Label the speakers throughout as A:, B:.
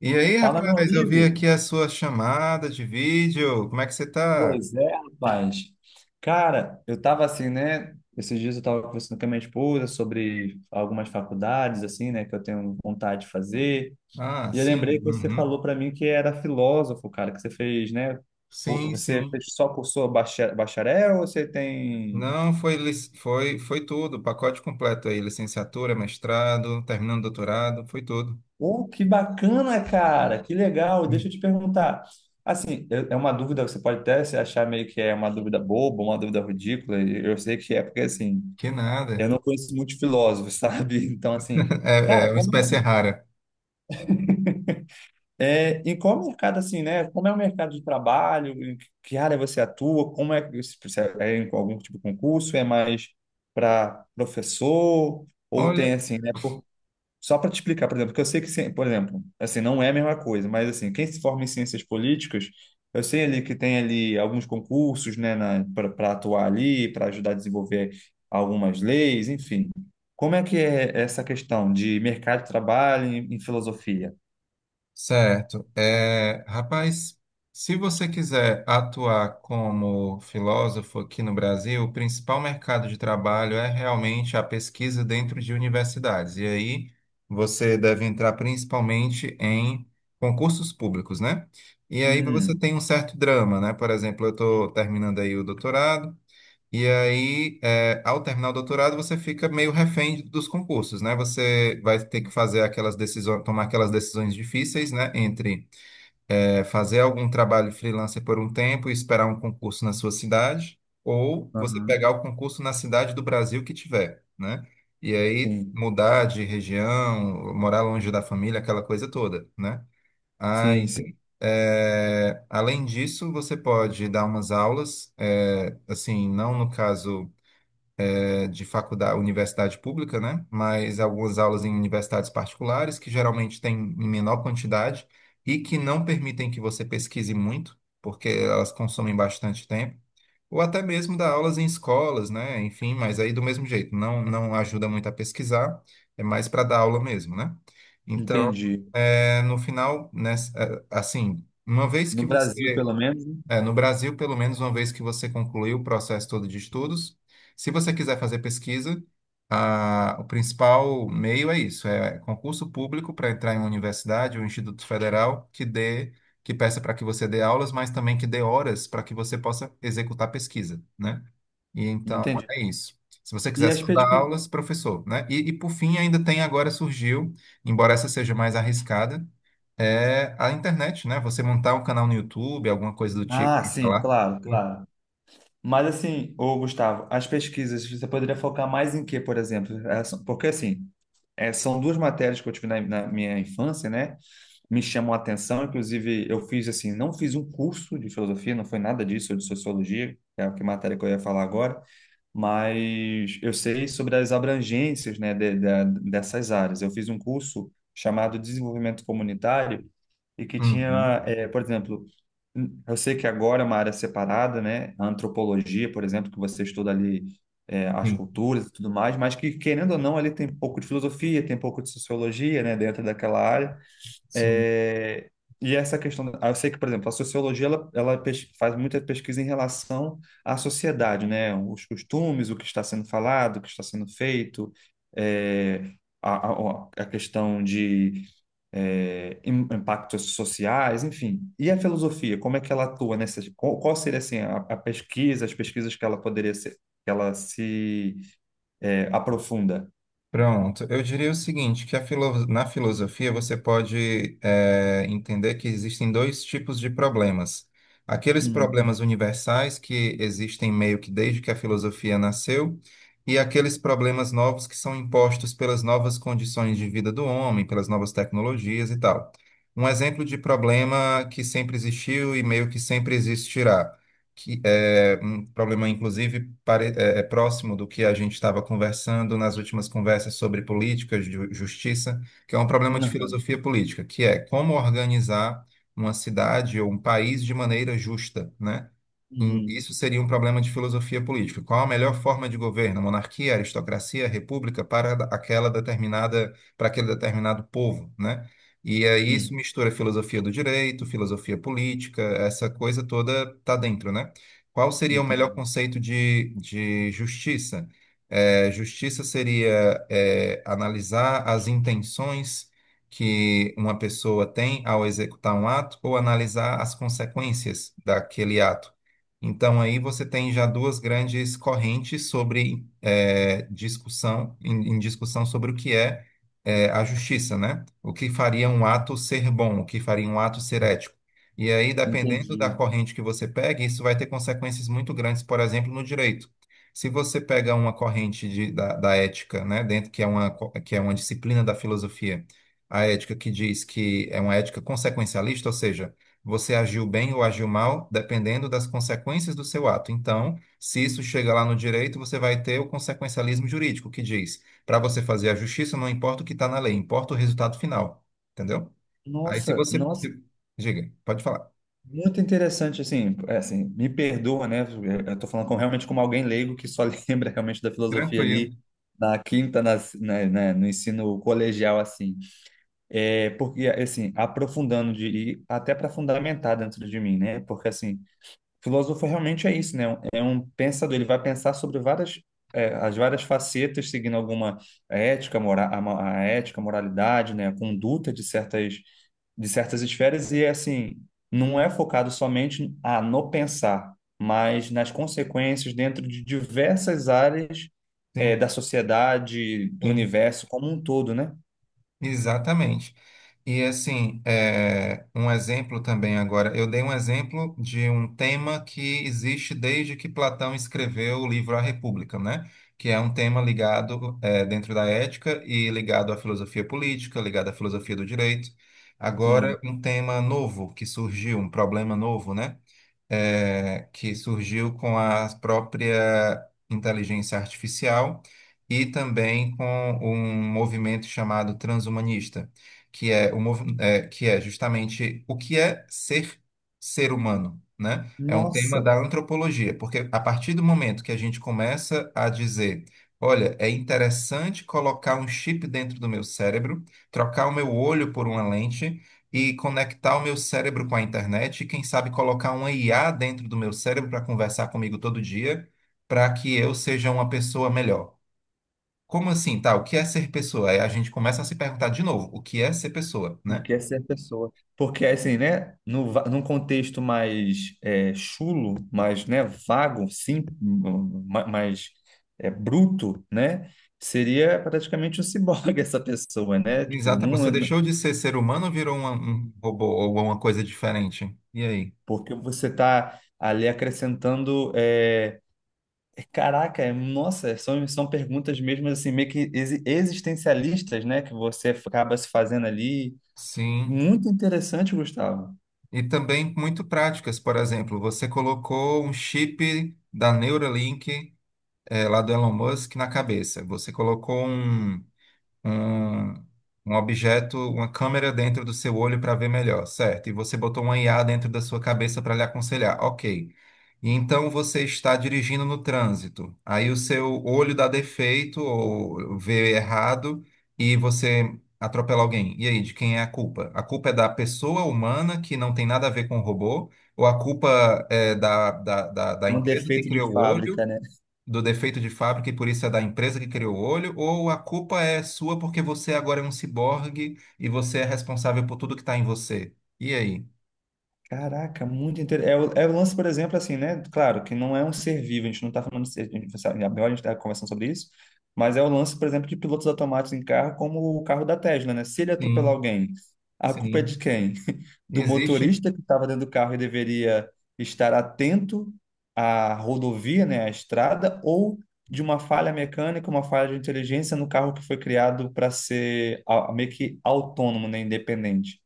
A: E aí,
B: Fala, meu
A: rapaz, eu vi
B: amigo.
A: aqui a sua chamada de vídeo. Como é que você tá?
B: Pois é, rapaz. Cara, eu tava assim, né? Esses dias eu tava conversando com a minha esposa sobre algumas faculdades, assim, né, que eu tenho vontade de fazer.
A: Ah,
B: E eu lembrei
A: sim,
B: que você
A: uhum.
B: falou para mim que era filósofo, cara, que você fez, né?
A: Sim,
B: Você
A: sim.
B: fez só cursou bacharel ou você tem.
A: Não, foi, foi tudo, o pacote completo aí, licenciatura, mestrado, terminando doutorado, foi tudo.
B: Oh, que bacana, cara! Que legal! Deixa
A: Hum.
B: eu te perguntar. Assim, é uma dúvida, você pode até se achar meio que é uma dúvida boba, uma dúvida ridícula, e eu sei que é porque assim.
A: Que
B: Eu
A: nada.
B: não conheço muito filósofo, sabe? Então, assim,
A: É,
B: cara,
A: é uma
B: como é
A: espécie
B: que,
A: rara.
B: em qual mercado, assim, né? Como é o mercado de trabalho? Em que área você atua? Como é que se você é em algum tipo de concurso? É mais para professor? Ou tem,
A: Olha,
B: assim, né? Só para te explicar, por exemplo, que eu sei que, por exemplo, assim, não é a mesma coisa, mas assim, quem se forma em ciências políticas, eu sei ali que tem ali alguns concursos, né, para atuar ali, para ajudar a desenvolver algumas leis, enfim. Como é que é essa questão de mercado de trabalho em filosofia?
A: certo. Rapaz, se você quiser atuar como filósofo aqui no Brasil, o principal mercado de trabalho é realmente a pesquisa dentro de universidades. E aí você deve entrar principalmente em concursos públicos, né? E aí você
B: Hum,
A: tem um certo drama, né? Por exemplo, eu estou terminando aí o doutorado. E aí, ao terminar o doutorado, você fica meio refém dos concursos, né? Você vai ter que fazer aquelas decisões, tomar aquelas decisões difíceis, né? Entre fazer algum trabalho freelancer por um tempo e esperar um concurso na sua cidade, ou você
B: aham,
A: pegar o concurso na cidade do Brasil que tiver, né? E aí
B: sim,
A: mudar de região, morar longe da família, aquela coisa toda, né?
B: sim, sim,
A: Aí, além disso, você pode dar umas aulas, assim, não no caso de faculdade, universidade pública, né? Mas algumas aulas em universidades particulares, que geralmente têm em menor quantidade e que não permitem que você pesquise muito, porque elas consomem bastante tempo. Ou até mesmo dar aulas em escolas, né? Enfim, mas aí do mesmo jeito, não ajuda muito a pesquisar, é mais para dar aula mesmo, né? Então,
B: entendi.
A: no final, né, assim, uma vez que
B: No Brasil,
A: você
B: pelo menos, né?
A: no Brasil, pelo menos uma vez que você concluiu o processo todo de estudos, se você quiser fazer pesquisa, o principal meio é isso, é concurso público para entrar em uma universidade ou instituto federal que dê, que peça para que você dê aulas, mas também que dê horas para que você possa executar pesquisa, né? E então
B: Entendi.
A: é isso. Se você
B: E
A: quiser
B: as
A: só dar
B: pesquisas?
A: aulas, professor, né? E por fim, ainda tem agora surgiu, embora essa seja mais arriscada, é a internet, né? Você montar um canal no YouTube, alguma coisa do tipo,
B: Ah,
A: e
B: sim,
A: falar.
B: claro, claro. Mas assim, ô Gustavo, as pesquisas, você poderia focar mais em quê, por exemplo? Porque assim, são duas matérias que eu tive na minha infância, né? Me chamam a atenção, inclusive eu fiz assim, não fiz um curso de filosofia, não foi nada disso, ou de sociologia, que é a que matéria que eu ia falar agora, mas eu sei sobre as abrangências, né, dessas áreas. Eu fiz um curso chamado Desenvolvimento Comunitário e que
A: Uhum.
B: tinha, por exemplo, eu sei que agora é uma área separada, né, a antropologia, por exemplo, que você estuda ali as
A: Sim,
B: culturas e tudo mais, mas que, querendo ou não, ali tem um pouco de filosofia, tem um pouco de sociologia, né, dentro daquela área.
A: sim.
B: É, e essa questão, eu sei que, por exemplo, a sociologia ela faz muita pesquisa em relação à sociedade, né? Os costumes, o que está sendo falado, o que está sendo feito, é, a questão de impactos sociais, enfim. E a filosofia, como é que ela atua nessa? Qual seria assim a pesquisa, as pesquisas que ela poderia ser, que ela se aprofunda?
A: Pronto, eu diria o seguinte, que a na filosofia você pode entender que existem dois tipos de problemas. Aqueles
B: Uhum.
A: problemas universais que existem meio que desde que a filosofia nasceu, e aqueles problemas novos que são impostos pelas novas condições de vida do homem, pelas novas tecnologias e tal. Um exemplo de problema que sempre existiu e meio que sempre existirá, que é um problema, inclusive, é próximo do que a gente estava conversando nas últimas conversas sobre política, de justiça, que é um problema de
B: Uhum.
A: filosofia política, que é como organizar uma cidade ou um país de maneira justa, né?
B: Uhum.
A: Isso seria um problema de filosofia política. Qual a melhor forma de governo? Monarquia, aristocracia, república para aquela determinada, para aquele determinado povo, né? E aí isso
B: Uhum.
A: mistura filosofia do direito, filosofia política, essa coisa toda tá dentro, né? Qual seria o melhor
B: Entendi.
A: conceito de justiça? Justiça seria, analisar as intenções que uma pessoa tem ao executar um ato ou analisar as consequências daquele ato. Então, aí você tem já duas grandes correntes sobre, discussão, em discussão sobre o que é, a justiça, né? O que faria um ato ser bom, o que faria um ato ser ético. E aí, dependendo da
B: Entendi.
A: corrente que você pega, isso vai ter consequências muito grandes, por exemplo, no direito. Se você pega uma corrente da ética, né, dentro que é uma, que é uma disciplina da filosofia, a ética que diz que é uma ética consequencialista, ou seja, você agiu bem ou agiu mal, dependendo das consequências do seu ato. Então, se isso chega lá no direito, você vai ter o consequencialismo jurídico, que diz, para você fazer a justiça, não importa o que está na lei, importa o resultado final. Entendeu? Aí, se
B: Nossa,
A: você.
B: nossa,
A: Se- diga, pode falar.
B: muito interessante, assim, assim, me perdoa, né, eu tô falando com, realmente como alguém leigo que só lembra realmente da filosofia
A: Tranquilo,
B: ali na quinta, né, no ensino colegial, assim, porque, assim, aprofundando de, e até para fundamentar dentro de mim, né, porque, assim, filósofo realmente é isso, né, é um pensador, ele vai pensar sobre várias, as várias facetas, seguindo alguma ética, a ética, moralidade, né, a conduta de certas esferas e assim, não é focado somente no pensar, mas nas consequências dentro de diversas áreas
A: sim,
B: da sociedade, do
A: sim,
B: universo como um todo, né?
A: exatamente. E assim, um exemplo também agora, eu dei um exemplo de um tema que existe desde que Platão escreveu o livro A República, né? Que é um tema ligado, dentro da ética e ligado à filosofia política, ligado à filosofia do direito.
B: Sim.
A: Agora, um tema novo que surgiu, um problema novo, né? Que surgiu com a própria inteligência artificial e também com um movimento chamado transhumanista, que é, que é justamente o que é ser ser humano, né? É um tema
B: Nossa,
A: da antropologia, porque a partir do momento que a gente começa a dizer: olha, é interessante colocar um chip dentro do meu cérebro, trocar o meu olho por uma lente e conectar o meu cérebro com a internet e, quem sabe, colocar uma IA dentro do meu cérebro para conversar comigo todo dia, para que eu seja uma pessoa melhor. Como assim, tá? O que é ser pessoa? Aí a gente começa a se perguntar de novo, o que é ser pessoa,
B: o
A: né?
B: que é ser pessoa? Porque assim, né, no, va- num contexto mais chulo, mais, né, vago, sim, mais bruto, né, seria praticamente um ciborgue essa pessoa, né? Tipo,
A: Exato,
B: não,
A: você deixou de ser ser humano ou virou um robô ou uma coisa diferente? E aí?
B: porque você está ali acrescentando. Caraca, nossa, são perguntas mesmo assim, meio que existencialistas, né? Que você acaba se fazendo ali.
A: Sim.
B: Muito interessante, Gustavo.
A: E também muito práticas, por exemplo, você colocou um chip da Neuralink, lá do Elon Musk na cabeça. Você colocou um, um objeto, uma câmera dentro do seu olho para ver melhor, certo? E você botou uma IA dentro da sua cabeça para lhe aconselhar, ok. E então você está dirigindo no trânsito, aí o seu olho dá defeito ou vê errado e você atropela alguém. E aí, de quem é a culpa? A culpa é da pessoa humana que não tem nada a ver com o robô? Ou a culpa é da
B: É um
A: empresa que
B: defeito
A: criou
B: de
A: o olho
B: fábrica, né?
A: do defeito de fábrica e por isso é da empresa que criou o olho, ou a culpa é sua porque você agora é um ciborgue e você é responsável por tudo que está em você? E aí?
B: Caraca, muito interessante. É o lance, por exemplo, assim, né? Claro que não é um ser vivo, a gente não está falando de ser, a gente, sabe, agora a gente está conversando sobre isso, mas é o lance, por exemplo, de pilotos automáticos em carro, como o carro da Tesla, né? Se ele
A: Sim,
B: atropelar alguém, a culpa é de
A: sim.
B: quem? Do
A: Existe.
B: motorista que estava dentro do carro e deveria estar atento à rodovia, né? À estrada, ou de uma falha mecânica, uma falha de inteligência no carro que foi criado para ser meio que autônomo, né? Independente.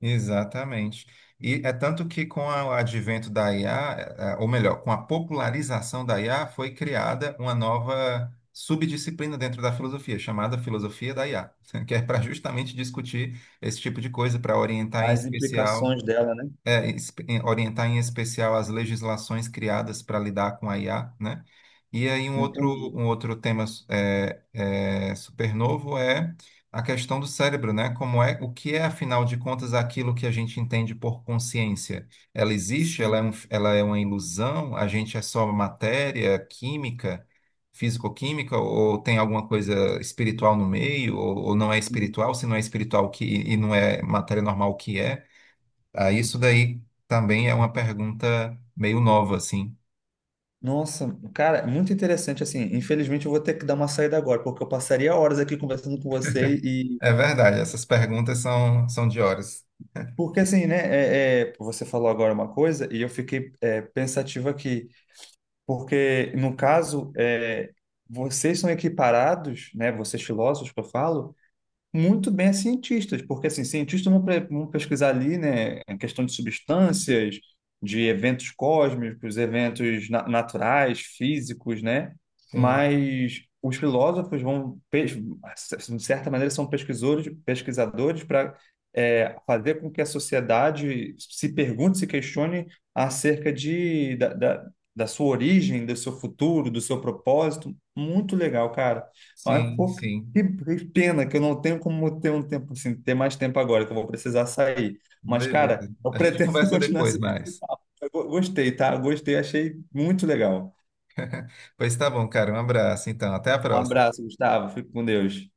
A: Exatamente. E é tanto que o advento da IA, ou melhor, com a popularização da IA, foi criada uma nova subdisciplina dentro da filosofia, chamada filosofia da IA, que é para justamente discutir esse tipo de coisa, para orientar em
B: As
A: especial
B: implicações dela, né?
A: orientar em especial as legislações criadas para lidar com a IA, né? E aí
B: Entendi.
A: um outro tema é super novo, é a questão do cérebro, né? Como é, o que é, afinal de contas, aquilo que a gente entende por consciência? Ela existe?
B: Sim,
A: Ela é uma ilusão? A gente é só matéria, química, físico-química? Ou tem alguma coisa espiritual no meio? Ou não é
B: sim.
A: espiritual? Se não é espiritual, o que, e não é matéria normal, o que é? Ah, isso daí também é uma pergunta meio nova, assim.
B: Nossa, cara, é muito interessante assim. Infelizmente eu vou ter que dar uma saída agora, porque eu passaria horas aqui conversando com você e
A: É verdade, essas perguntas são, são de horas.
B: porque assim, né? Você falou agora uma coisa e eu fiquei pensativo aqui, porque no caso vocês são equiparados, né? Vocês filósofos que eu falo, muito bem a cientistas, porque assim, cientistas vão pesquisar ali, né, a questão de substâncias, de eventos cósmicos, eventos naturais, físicos, né?
A: Sim,
B: Mas os filósofos de certa maneira, são pesquisadores, pesquisadores para fazer com que a sociedade se pergunte, se questione acerca da sua origem, do seu futuro, do seu propósito. Muito legal, cara. Mas,
A: sim,
B: pô, que
A: sim.
B: que pena que eu não tenho como ter um tempo assim, ter mais tempo agora, que eu vou precisar sair. Mas, cara,
A: Beleza.
B: eu
A: A gente
B: pretendo
A: conversa
B: continuar
A: depois
B: esse
A: mais.
B: papo. Eu gostei, tá? Gostei, achei muito legal.
A: Pois tá bom, cara. Um abraço, então. Até a
B: Um
A: próxima.
B: abraço, Gustavo. Fique com Deus.